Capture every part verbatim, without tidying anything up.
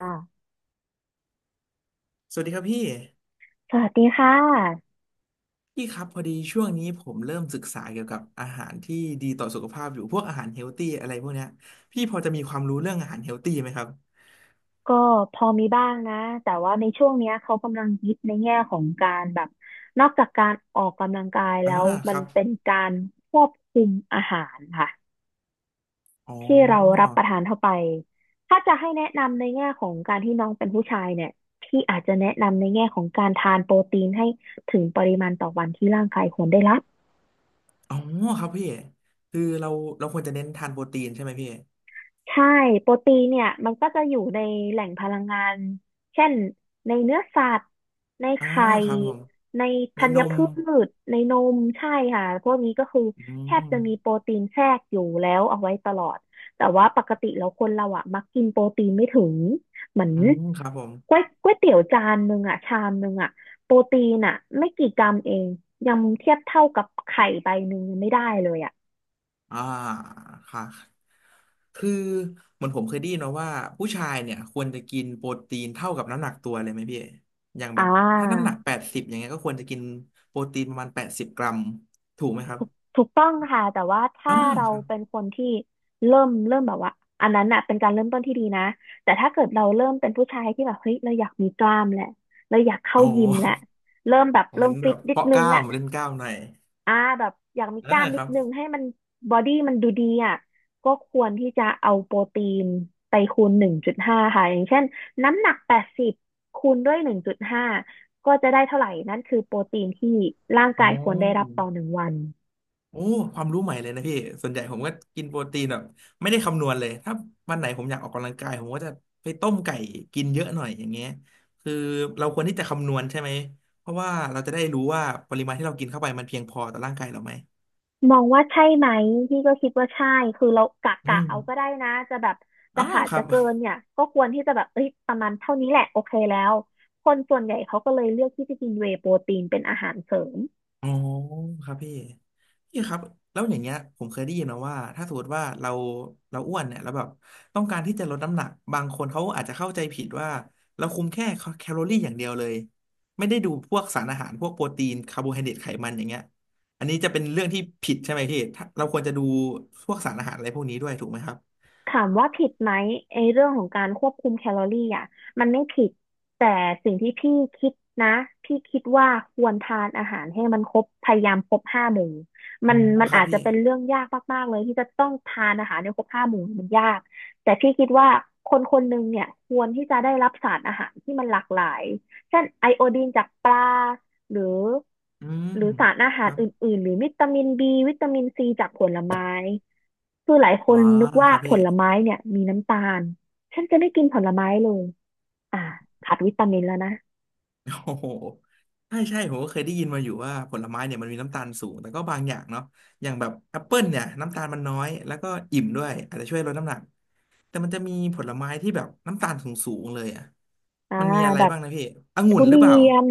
ค่ะสวัสดีครับพี่สวัสดีค่ะพี่ครับพอดีช่วงนี้ผมเริ่มศึกษาเกี่ยวกับอาหารที่ดีต่อสุขภาพอยู่พวกอาหารเฮลตี้อะไรพวกเนี้ยพี่พอจะมีความรู้เรื่องอาหารเฮลตี้ไหมครับก็พอมีบ้างนะแต่ว่าในช่วงเนี้ยเขากำลังฮิตในแง่ของการแบบนอกจากการออกกำลังกายแล้อ่าวคมันรับเป็นการควบคุมอาหารค่ะอ๋อที่เรารับประทานเข้าไปถ้าจะให้แนะนำในแง่ของการที่น้องเป็นผู้ชายเนี่ยพี่อาจจะแนะนำในแง่ของการทานโปรตีนให้ถึงปริมาณต่อวันที่ร่างกายควรได้รับ อ๋อครับพี่คือเราเราควรจะเน้นทานโปรตีนใช่ไหมพี่ใช่โปรตีนเนี่ยมันก็จะอยู่ในแหล่งพลังงานเช่นในเนื้อสัตว์ในอ๋อไข่ครับผมในในธัญนมพืชในนมใช่ค่ะพวกนี้ก็คืออืแทบจะมีโปมรตีนแทรกอยู่แล้วเอาไว้ตลอดแต่ว่าปกติแล้วคนเราอ่ะมักกินโปรตีนไม่ถึงเหมือนอืมครับผม ก๋วยก๋วยเตี๋ยวจานหนึ่งอ่ะชามหนึ่งอ่ะโปรตีนอ่ะไม่กี่กรัมเองยังเทียบเท่ากับไข่ใบหนึ่งยังไม่ได้เลยอ่ะอ่าค่ะคือเหมือนผมเคยได้ยินมาว่าผู้ชายเนี่ยควรจะกินโปรตีนเท่ากับน้ำหนักตัวเลยไหมพี่อย่างอ่แบบถ้าน้ำหนักา แปดสิบอย่างเงี้ยก็ควรจะกินโปรตีนประมาณแปดสิบกรัมถูกไหมครับถูกต้องค่ะแต่ว่าอ่าถ้าเราครับเป็นคนที่เริ่มเริ่มแบบว่าอันนั้นน่ะเป็นการเริ่มต้นที่ดีนะแต่ถ้าเกิดเราเริ่มเป็นผู้ชายที่แบบเฮ้ยเราอยากมีกล้ามแหละเราอยากเข้าอ๋อ ยิมแหละเริ่มแบบ เหมืเริ่อมนแบฟิตบนิดเพาะกนึงล้ามละเล่นกล้ามหน่อยอ่าแบบอยากมีอ่ากล้ามคนิดรับนึงให้มันบอดี้มันดูดีอ่ะก็ควรที่จะเอาโปรตีนไปคูณหนึ่งจุดห้าค่ะอย่างเช่นน้ำหนักแปดสิบคูณด้วยหนึ่งจุดห้าก็จะได้เท่าไหร่นั่นคือโปรตีนที่ร่างอ๋อ กายควรได้รับต่อหนึ่งวัน โอ้ความรู้ใหม่เลยนะพี่ส่วนใหญ่ผมก็กินโปรตีนแบบไม่ได้คำนวณเลยถ้าวันไหนผมอยากออกกำลังกายผมก็จะไปต้มไก่กินเยอะหน่อยอย่างเงี้ยคือเราควรที่จะคำนวณใช่ไหมเพราะว่าเราจะได้รู้ว่าปริมาณที่เรากินเข้าไปมันเพียงพอต่อร่างกายเราไหมมองว่าใช่ไหมพี่ก็คิดว่าใช่คือเรากะอืกะมเอาก็ได้นะจะแบบจะอ๋อขาดครัจะบ เกินเนี่ยก็ควรที่จะแบบเอ้ยประมาณเท่านี้แหละโอเคแล้วคนส่วนใหญ่เขาก็เลยเลือกที่จะกินเวย์โปรตีนเป็นอาหารเสริม อ๋อครับพี่พี่ครับแล้วอย่างเงี้ยผมเคยได้ยินมาว่าถ้าสมมติว่าเราเราอ้วนเนี่ยแล้วแบบต้องการที่จะลดน้ำหนักบางคนเขาอาจจะเข้าใจผิดว่าเราคุมแค่แคลอรี่อย่างเดียวเลยไม่ได้ดูพวกสารอาหารพวกโปรตีนคาร์โบไฮเดรตไขมันอย่างเงี้ยอันนี้จะเป็นเรื่องที่ผิดใช่ไหมพี่ถ้าเราควรจะดูพวกสารอาหารอะไรพวกนี้ด้วยถูกไหมครับถามว่าผิดไหมไอ้เรื่องของการควบคุมแคลอรี่อ่ะมันไม่ผิดแต่สิ่งที่พี่คิดนะพี่คิดว่าควรทานอาหารให้มันครบพยายามครบห้าหมู่อ๋มัอนมันครับอาจจะพี่เป็นเรื่องยากมากๆเลยที่จะต้องทานอาหารให้ครบห้าหมู่มันยากแต่พี่คิดว่าคนคนหนึ่งเนี่ยควรที่จะได้รับสารอาหารที่มันหลากหลายเช่นไอโอดีนจากปลาหรืออืมหรือสารอาคหารรับอื่นๆหรือวิตามินบีวิตามินซีจากผลไม้ คือหลายคอ๋อนนึกว่าครับผพี่ ลไม้เนี่ยมีน้ำตาล ฉันจะไม่กินผลไม้เลยอ่าขาดวิตามินแล้วนะ โอ้โหใช่ใช่ผมก็เคยได้ยินมาอยู่ว่าผลไม้เนี่ยมันมีน้ำตาลสูงแต่ก็บางอย่างเนาะอย่างแบบแอปเปิลเนี่ยน้ำตาลมันน้อย แล้วก็อิ่มด้วยอาจจะช่วยลดน้ำหนักแต่มันจะมีผลไม้ที่แบบน้ำตาลสูงๆเลยอ่ะอ่ามันมีอะไรแบบบ้างนะพี่องุ่ทุนหรือเรีเปล่ายน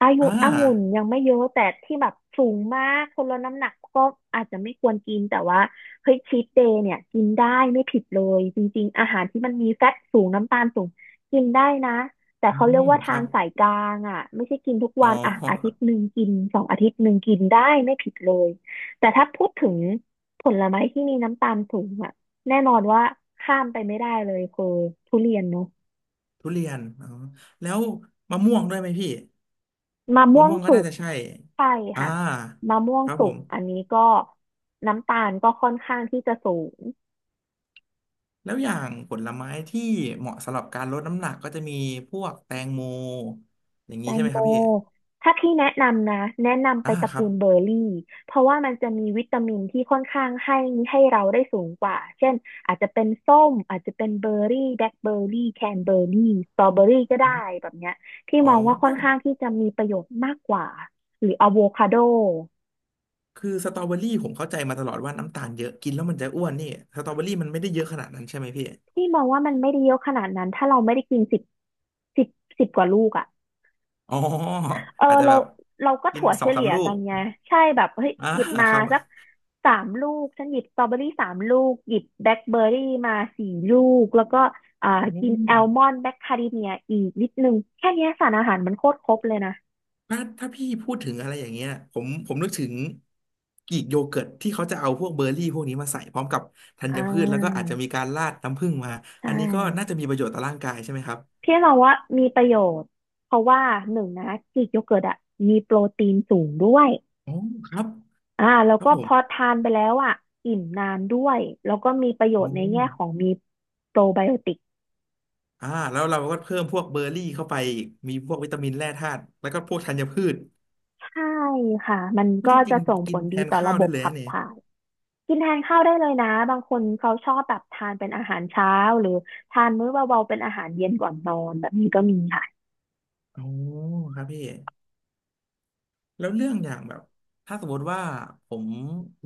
อายุอ่าองุ่นยังไม่เยอะแต่ที่แบบสูงมากคนละน้ำหนักก็อาจจะไม่ควรกินแต่ว่าเฮ้ยชีทเดย์เนี่ยกินได้ไม่ผิดเลยจริงๆอาหารที่มันมีแฟตสูงน้ำตาลสูงกินได้นะแต่อืเขาเรียมกว่าคทารังบ สายกลางอ่ะไม่ใช่กินทุกอ๋วันอ่ะอาทิตอย์หนึ่งกินสองอาทิตย์หนึ่งกินได้ไม่ผิดเลยแต่ถ้าพูดถึงผลไม้ที่มีน้ำตาลสูงอ่ะแน่นอนว่าข้ามไปไม่ได้เลยคือทุเรียนเนาะทุเรียนอ๋อแล้วมะม่วงด้วยไหมพี่มะม่มะวงม่วงก็สุน่าก จะใช่ใช่อ่าค่ะมะม่วงครับสุผกม อันนี้ก็น้ำตาลก็ค่อนข้างที่จะสูงแล้วอย่างผลไม้ที่เหมาะสำหรับการลดน้ำหนักก็จะมีพวกแตงโมอย่างแตนี้ใช่งไหมโมครับพี่ถ้าพี่แนะนำนะแนะนำไปอ่าตระครักูบลเบอร์รี่เพราะว่ามันจะมีวิตามินที่ค่อนข้างให้ให้เราได้สูงกว่าเช่นอาจจะเป็นส้มอาจจะเป็นเบอร์รี่แบล็คเบอร์รี่แคนเบอร์รี่สตรอเบอร์รี่ก็อมได้แบบเนี้ยที่อ๋อมองว่าค่อเอ้านข้างที่จะมีประโยชน์มากกว่าหรืออะโวคาโดคือสตรอเบอรี่ผมเข้าใจมาตลอดว่าน้ำตาลเยอะกินแล้วมันจะอ้วนนี่สตรอเบอรี่มันไม่ได้เยอะขนาดนั้นใช่ไหมพี่ที่มองว่ามันไม่ได้เยอะขนาดนั้นถ้าเราไม่ได้กินสิบสิบสิบกว่าลูกอะ อ๋อเอออาจจะเราแบบเราก็กินถั่วสเฉองสาลี่มยลูกักนไงใช่แบบเฮ้ยอ่าหยิบมาครับสักสามลูกฉันหยิบสตรอเบอรี่สามลูกหยิบแบล็คเบอร์รี่มาสี่ลูกแล้วก็อ่าอืกินม แอลมอนด์แบล็คคาริเมียอีกนิดนึงแค่เนี้ยสารอาหารมันโคตรครบเลยนะถ้าถ้าพี่พูดถึงอะไรอย่างเงี้ยผมผมนึกถึงกรีกโยเกิร์ตที่เขาจะเอาพวกเบอร์รี่พวกนี้มาใส่พร้อมกับธัอ่ญพืชแล้วก็อาจาจะมีการราดน้ำผึ้งมาใชอันนี้ก็่น่าจะมีประโยชน์ต่อร่างกายใช่ไหมครับพี่เราว่ามีประโยชน์เพราะว่าหนึ่งนะกรีกโยเกิร์ตอะมีโปรตีนสูงด้วยอ๋อครับอ่าแล้วครับก็ผพมอทานไปแล้วอ่ะอิ่มนานด้วยแล้วก็มีประโยชโอ้น์ในแง่ของมีโปรไบโอติก อ่าแล้วเราก็เพิ่มพวกเบอร์รี่เข้าไปอีกมีพวกวิตามินแร่ธาตุแล้วก็พวกธัญพืชใช่ค่ะ มันพูดก็จจะริงส่งๆผกินลแทดีนต่อข้าระวบได้บเลยขันะบเนี่ยถ่ายกินแทนข้าวได้เลยนะ บางคนเขาชอบแบบทานเป็นอาหารเช้าหรือทานมื้อเบาๆเป็นอาหารเย็นก่อนนอนแบบนี้ก็มีค่ะ อ๋อครับพี่ แล้วเรื่องอย่างแบบถ้าสมมติว่าผม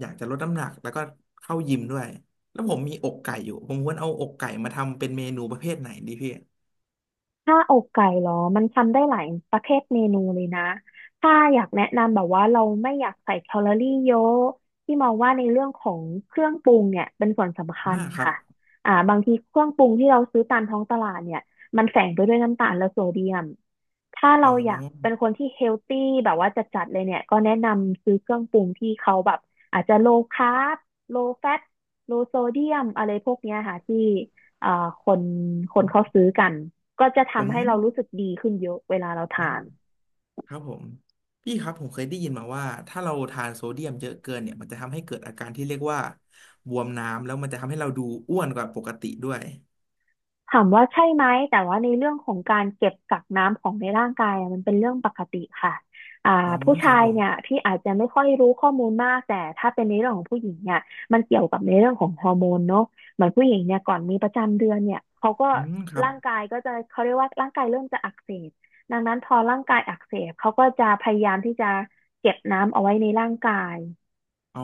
อยากจะลดน้ำหนักแล้วก็เข้ายิมด้วยแล้วผมมีอกไก่อยู่ผมควรเอาอกไก่มาทำเป็นเมนูประเภทไหนดีพี่ถ้าอกไก่เหรอ มันทำได้หลายประเภทเมนูเลยนะ ถ้าอยากแนะนำแบบว่าเราไม่อยากใส่แคลอรี่เยอะที่มองว่าในเรื่องของเครื่องปรุงเนี่ยเป็นส่วนสำคัอ่าญครับค่ะอ่าบางทีเครื่องปรุงที่เราซื้อตามท้องตลาดเนี่ยมันแฝงไปด้วยน้ำตาลและโซเดียม ถ้าเราอ๋ออยากเป็นคนที่เฮลตี้แบบว่าจัดๆเลยเนี่ยก็แนะนำซื้อเครื่องปรุงที่เขาแบบอาจจะโลคาร์บโลแฟตโลโซเดียมอะไรพวกเนี้ยค่ะที่เอ่อคนคนเขาซื้อกัน ก็จะผมทำให้เรารู้สึกดีขึ้นเยอะเวลาเราทานอ่าครับผมพี่ครับผมเคยได้ยินมาว่าถ้าเราทานโซเดียมเยอะเกินเนี่ยมันจะทำให้เกิดอาการที่เรียกว่าบวมน้ำแล้วมันจะทำให้เราดูอ้วนกว่าปกติด้วยถามว่าใช่ไหมแต่ว่าในเรื่องของการเก็บกักน้ำของในร่างกายอะมันเป็นเรื่องปกติค่ะอ่าอ๋อผู้คชารับยผมเนี่ยที่อาจจะไม่ค่อยรู้ข้อมูลมากแต่ถ้าเป็นในเรื่องของผู้หญิงเนี่ยมันเกี่ยวกับในเรื่องของฮอร์โมนเนาะเหมือนผู้หญิงเนี่ยก่อนมีประจำเดือนเนี่ยเขาก็อืมครับร่างกายก็จะเขาเรียกว่าร่างกายเริ่มจะอักเสบดังนั้นพอร่างกายอักเสบเขาก็จะพยายามที่จะเก็บน้ำเอาไว้ในร่างกายอ๋อ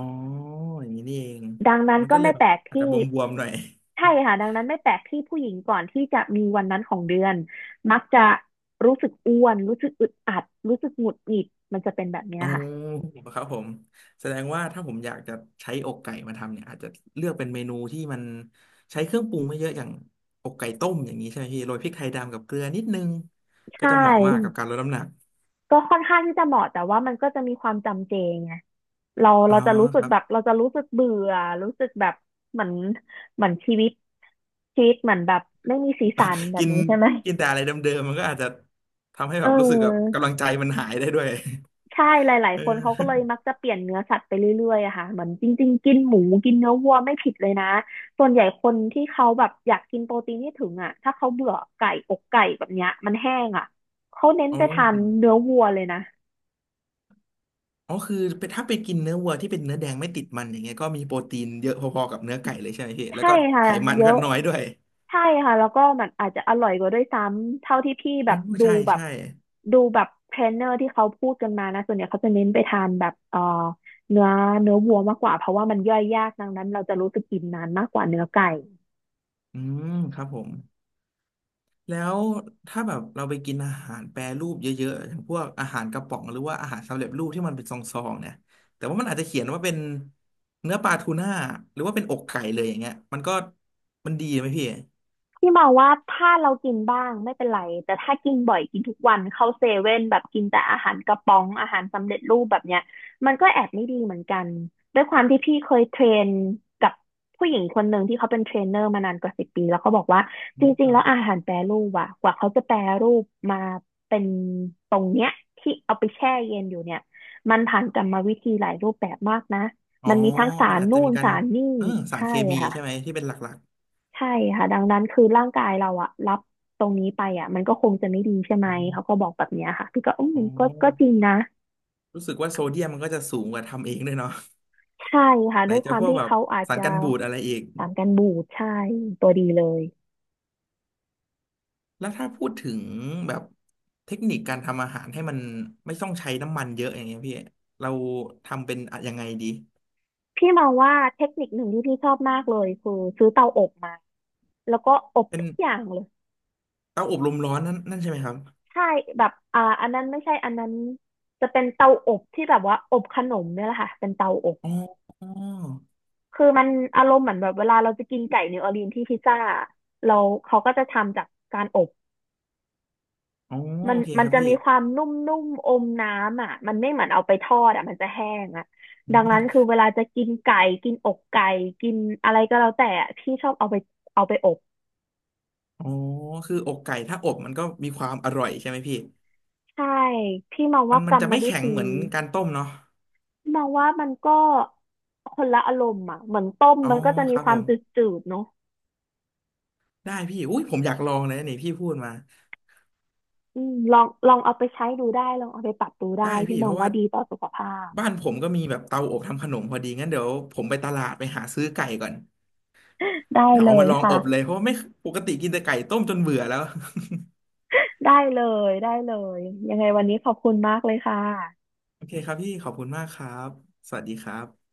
อย่างนี้นี่เองดังนั้นมันก็ก็เลไม่ยแบแปบลกอาจจะที่ บวมๆหน่อย ใช่ค่ะดังนั้นไม่แปลกที่ผู้หญิงก่อนที่จะมีวันนั้นของเดือนมักจะรู้สึกอ้วนรู้สึกอึดอัดรู้สึกหงุดหงิดมันจะเป็นแบบเนี้ยอ๋อค่ะครับผมแสดงว่าถ้าผมอยากจะใช้อกไก่มาทำเนี่ยอาจจะเลือกเป็นเมนูที่มันใช้เครื่องปรุงไม่เยอะอย่างอกไก่ต้มอย่างนี้ใช่ไหมพี่โรยพริกไทยดำกับเกลือนิดนึงใชก็จะเหมาะมากกับ่การลดน้ำหนักก็ค่อนข้างที่จะเหมาะแต่ว่ามันก็จะมีความจำเจไงเราอ๋อเราจะรู้สึคกรับแบบเราจะรู้สึกเบื่อรู้สึกแบบเหมือนเหมือนชีวิตชีวิตเหมือนแบบไม่มีสีสันแบบกินนี้ใช่ไหมกินแต่อะไรเดิมๆมันก็อาจจะทำให้เแบบรู้สึกแบบออ กำลังใจมันหายได้ด้วยใช่หลายเอๆคนเขาก็อเลยมักจะเปลี่ยนเนื้อสัตว์ไปเรื่อยๆอะค่ะเหมือนจริง ๆ กินหมูกินเนื้อวัวไม่ผิดเลยนะ ส่วนใหญ่คนที่เขาแบบอยากกินโปรตีนที่ถึงอะถ้าเขาเบื่อไก่อกไก่แบบเนี้ยมันแห้งอะเขาเน้นอ๋อไปทานเนื้อวัวเลยนะอ๋อคือเป็นถ้าไปกินเนื้อวัวที่เป็นเนื้อแดงไม่ติดมันอย่างเงี้ยก็มีโปรตีนเยอะพอๆกับเนื้อไก่เลยใช่ไหมพี่แล้วใช่ก็ค่ะไขมันเยก็อะน้อยด้วยใช่ค่ะแล้วก็มันอาจจะอร่อยกว่าด้วยซ้ำเท่าที่พี่แบอ๋อบดูใช่แบบใช่ ดูแบบเทรนเนอร์ที่เขาพูดกันมานะส่วนใหญ่เขาจะเน้นไปทานแบบเอ่อเนื้อเนื้อวัวมากกว่าเพราะว่ามันย่อยยากดังนั้นเราจะรู้สึกอิ่มนานมากกว่าเนื้อไก่ อืมครับผมแล้วถ้าแบบเราไปกินอาหารแปรรูปเยอะๆอย่างพวกอาหารกระป๋องหรือว่าอาหารสำเร็จรูปที่มันเป็นซองๆเนี่ยแต่ว่ามันอาจจะเขียนว่าเป็นเนื้อปลาทูน่าหรือว่าเป็นอกไก่เลยอย่างเงี้ยมันก็มันดีไหมพี่พี่มองว่าถ้าเรากินบ้างไม่เป็นไรแต่ถ้ากินบ่อยกินทุกวันเข้าเซเว่นแบบกินแต่อาหารกระป๋องอาหารสำเร็จรูปแบบเนี้ยมันก็แอบไม่ดีเหมือนกันด้วยความที่พี่เคยเทรนกับผู้หญิงคนหนึ่งที่เขาเป็นเทรนเนอร์มานานกว่าสิบปีแล้วเขาบอกว่าอืจมริคงๆรัแล้บวอาหารแปรรูปอะกว่าเขาจะแปรรูปมาเป็นตรงเนี้ยที่เอาไปแช่เย็นอยู่เนี่ยมันผ่านกรรมวิธีหลายรูปแบบมากนะอ๋อมันมีทั้งสามันรอาจนู่จะมีนการสารนี่เออสารใช่เคมีค่ะ ใช่ไหมที่เป็นหลักใช่ค่ะดังนั้นคือร่างกายเราอะรับตรงนี้ไปอะมันก็คงจะไม่ดีใช่ไหๆมอมเขาก็บอกแบบเนี้ยค่ะพี่ก็อืมอ๋ก็ก็จอริงนะรู้สึกว่าโซเดียมมันก็จะสูงกว่าทำเองด้วยเนาะใช่ค่ะไหนด้วยคจะวาพมวกที่แบบเขาอาจสารจะกันบูดอะไรอีก สารกันบูดใช่ตัวดีเลยแล้วถ้าพูดถึงแบบเทคนิคการทำอาหารให้มันไม่ต้องใช้น้ำมันเยอะอย่างเงี้ยพี่เราทำเป็นอะยังไงดีพี่มองว่าเทคนิคหนึ่งที่พี่ชอบมากเลยคือซื้อเตาอบมาแล้วก็อบเป็นทุกอย่างเลยเตาอบลมร้อนนั่นนั่นใช่ไหมครับใช่แบบอ่าอันนั้นไม่ใช่อันนั้นจะเป็นเตาอบที่แบบว่าอบขนมเนี่ยแหละค่ะเป็นเตาอบ อ๋ออ๋อคือมันอารมณ์เหมือนแบบเวลาเราจะกินไก่นิวออร์ลีนที่พิซซ่าเราเขาก็จะทำจากการอบอ๋อมันโอเคมัคนรับจะพี่มีความนุ่มๆอมน้ำอ่ะมันไม่เหมือนเอาไปทอดอ่ะมันจะแห้งอ่ะอืดังนั้นคืมอเวลาจะกินไก่กินอกไก่กินอะไรก็แล้วแต่อะพี่ชอบเอาไปเอาไปอบอ๋อคืออกไก่ถ้าอบมันก็มีความอร่อยใช่ไหมพี่ใช่พี่มองมัว่านกมันรรจะมไม่วิแข็งธีเหมือนการต้มเนาะมองว่ามันก็คนละอารมณ์อ่ะเหมือนต้มอ๋อมันก็จะคมีรับคผวามมจืดๆเนาะได้พี่อุ้ยผมอยากลองเลยนะนี่พี่พูดมาอืมลองลองเอาไปใช้ดูได้ลองเอาไปปรับดูได้ได้พี่พี่มเพองราะว่าว่าดีต่อสุขภาพ บ้านผมก็มีแบบเตาอบทำขนมพอดีงั้นเดี๋ยวผมไปตลาดไปหาซื้อไก่ก่อน ได้เดี๋ยวเลเอามายลองค่ะอบเลยเพราะว่าไม่ปกติกินแต่ไก่ต้มจนเบื่อแล้วได้เลยได้เลยยังไงวันนี้ขอบคุณมากเลยค่ะโอเคครับพี่ขอบคุณมากครับสวัสดีครับ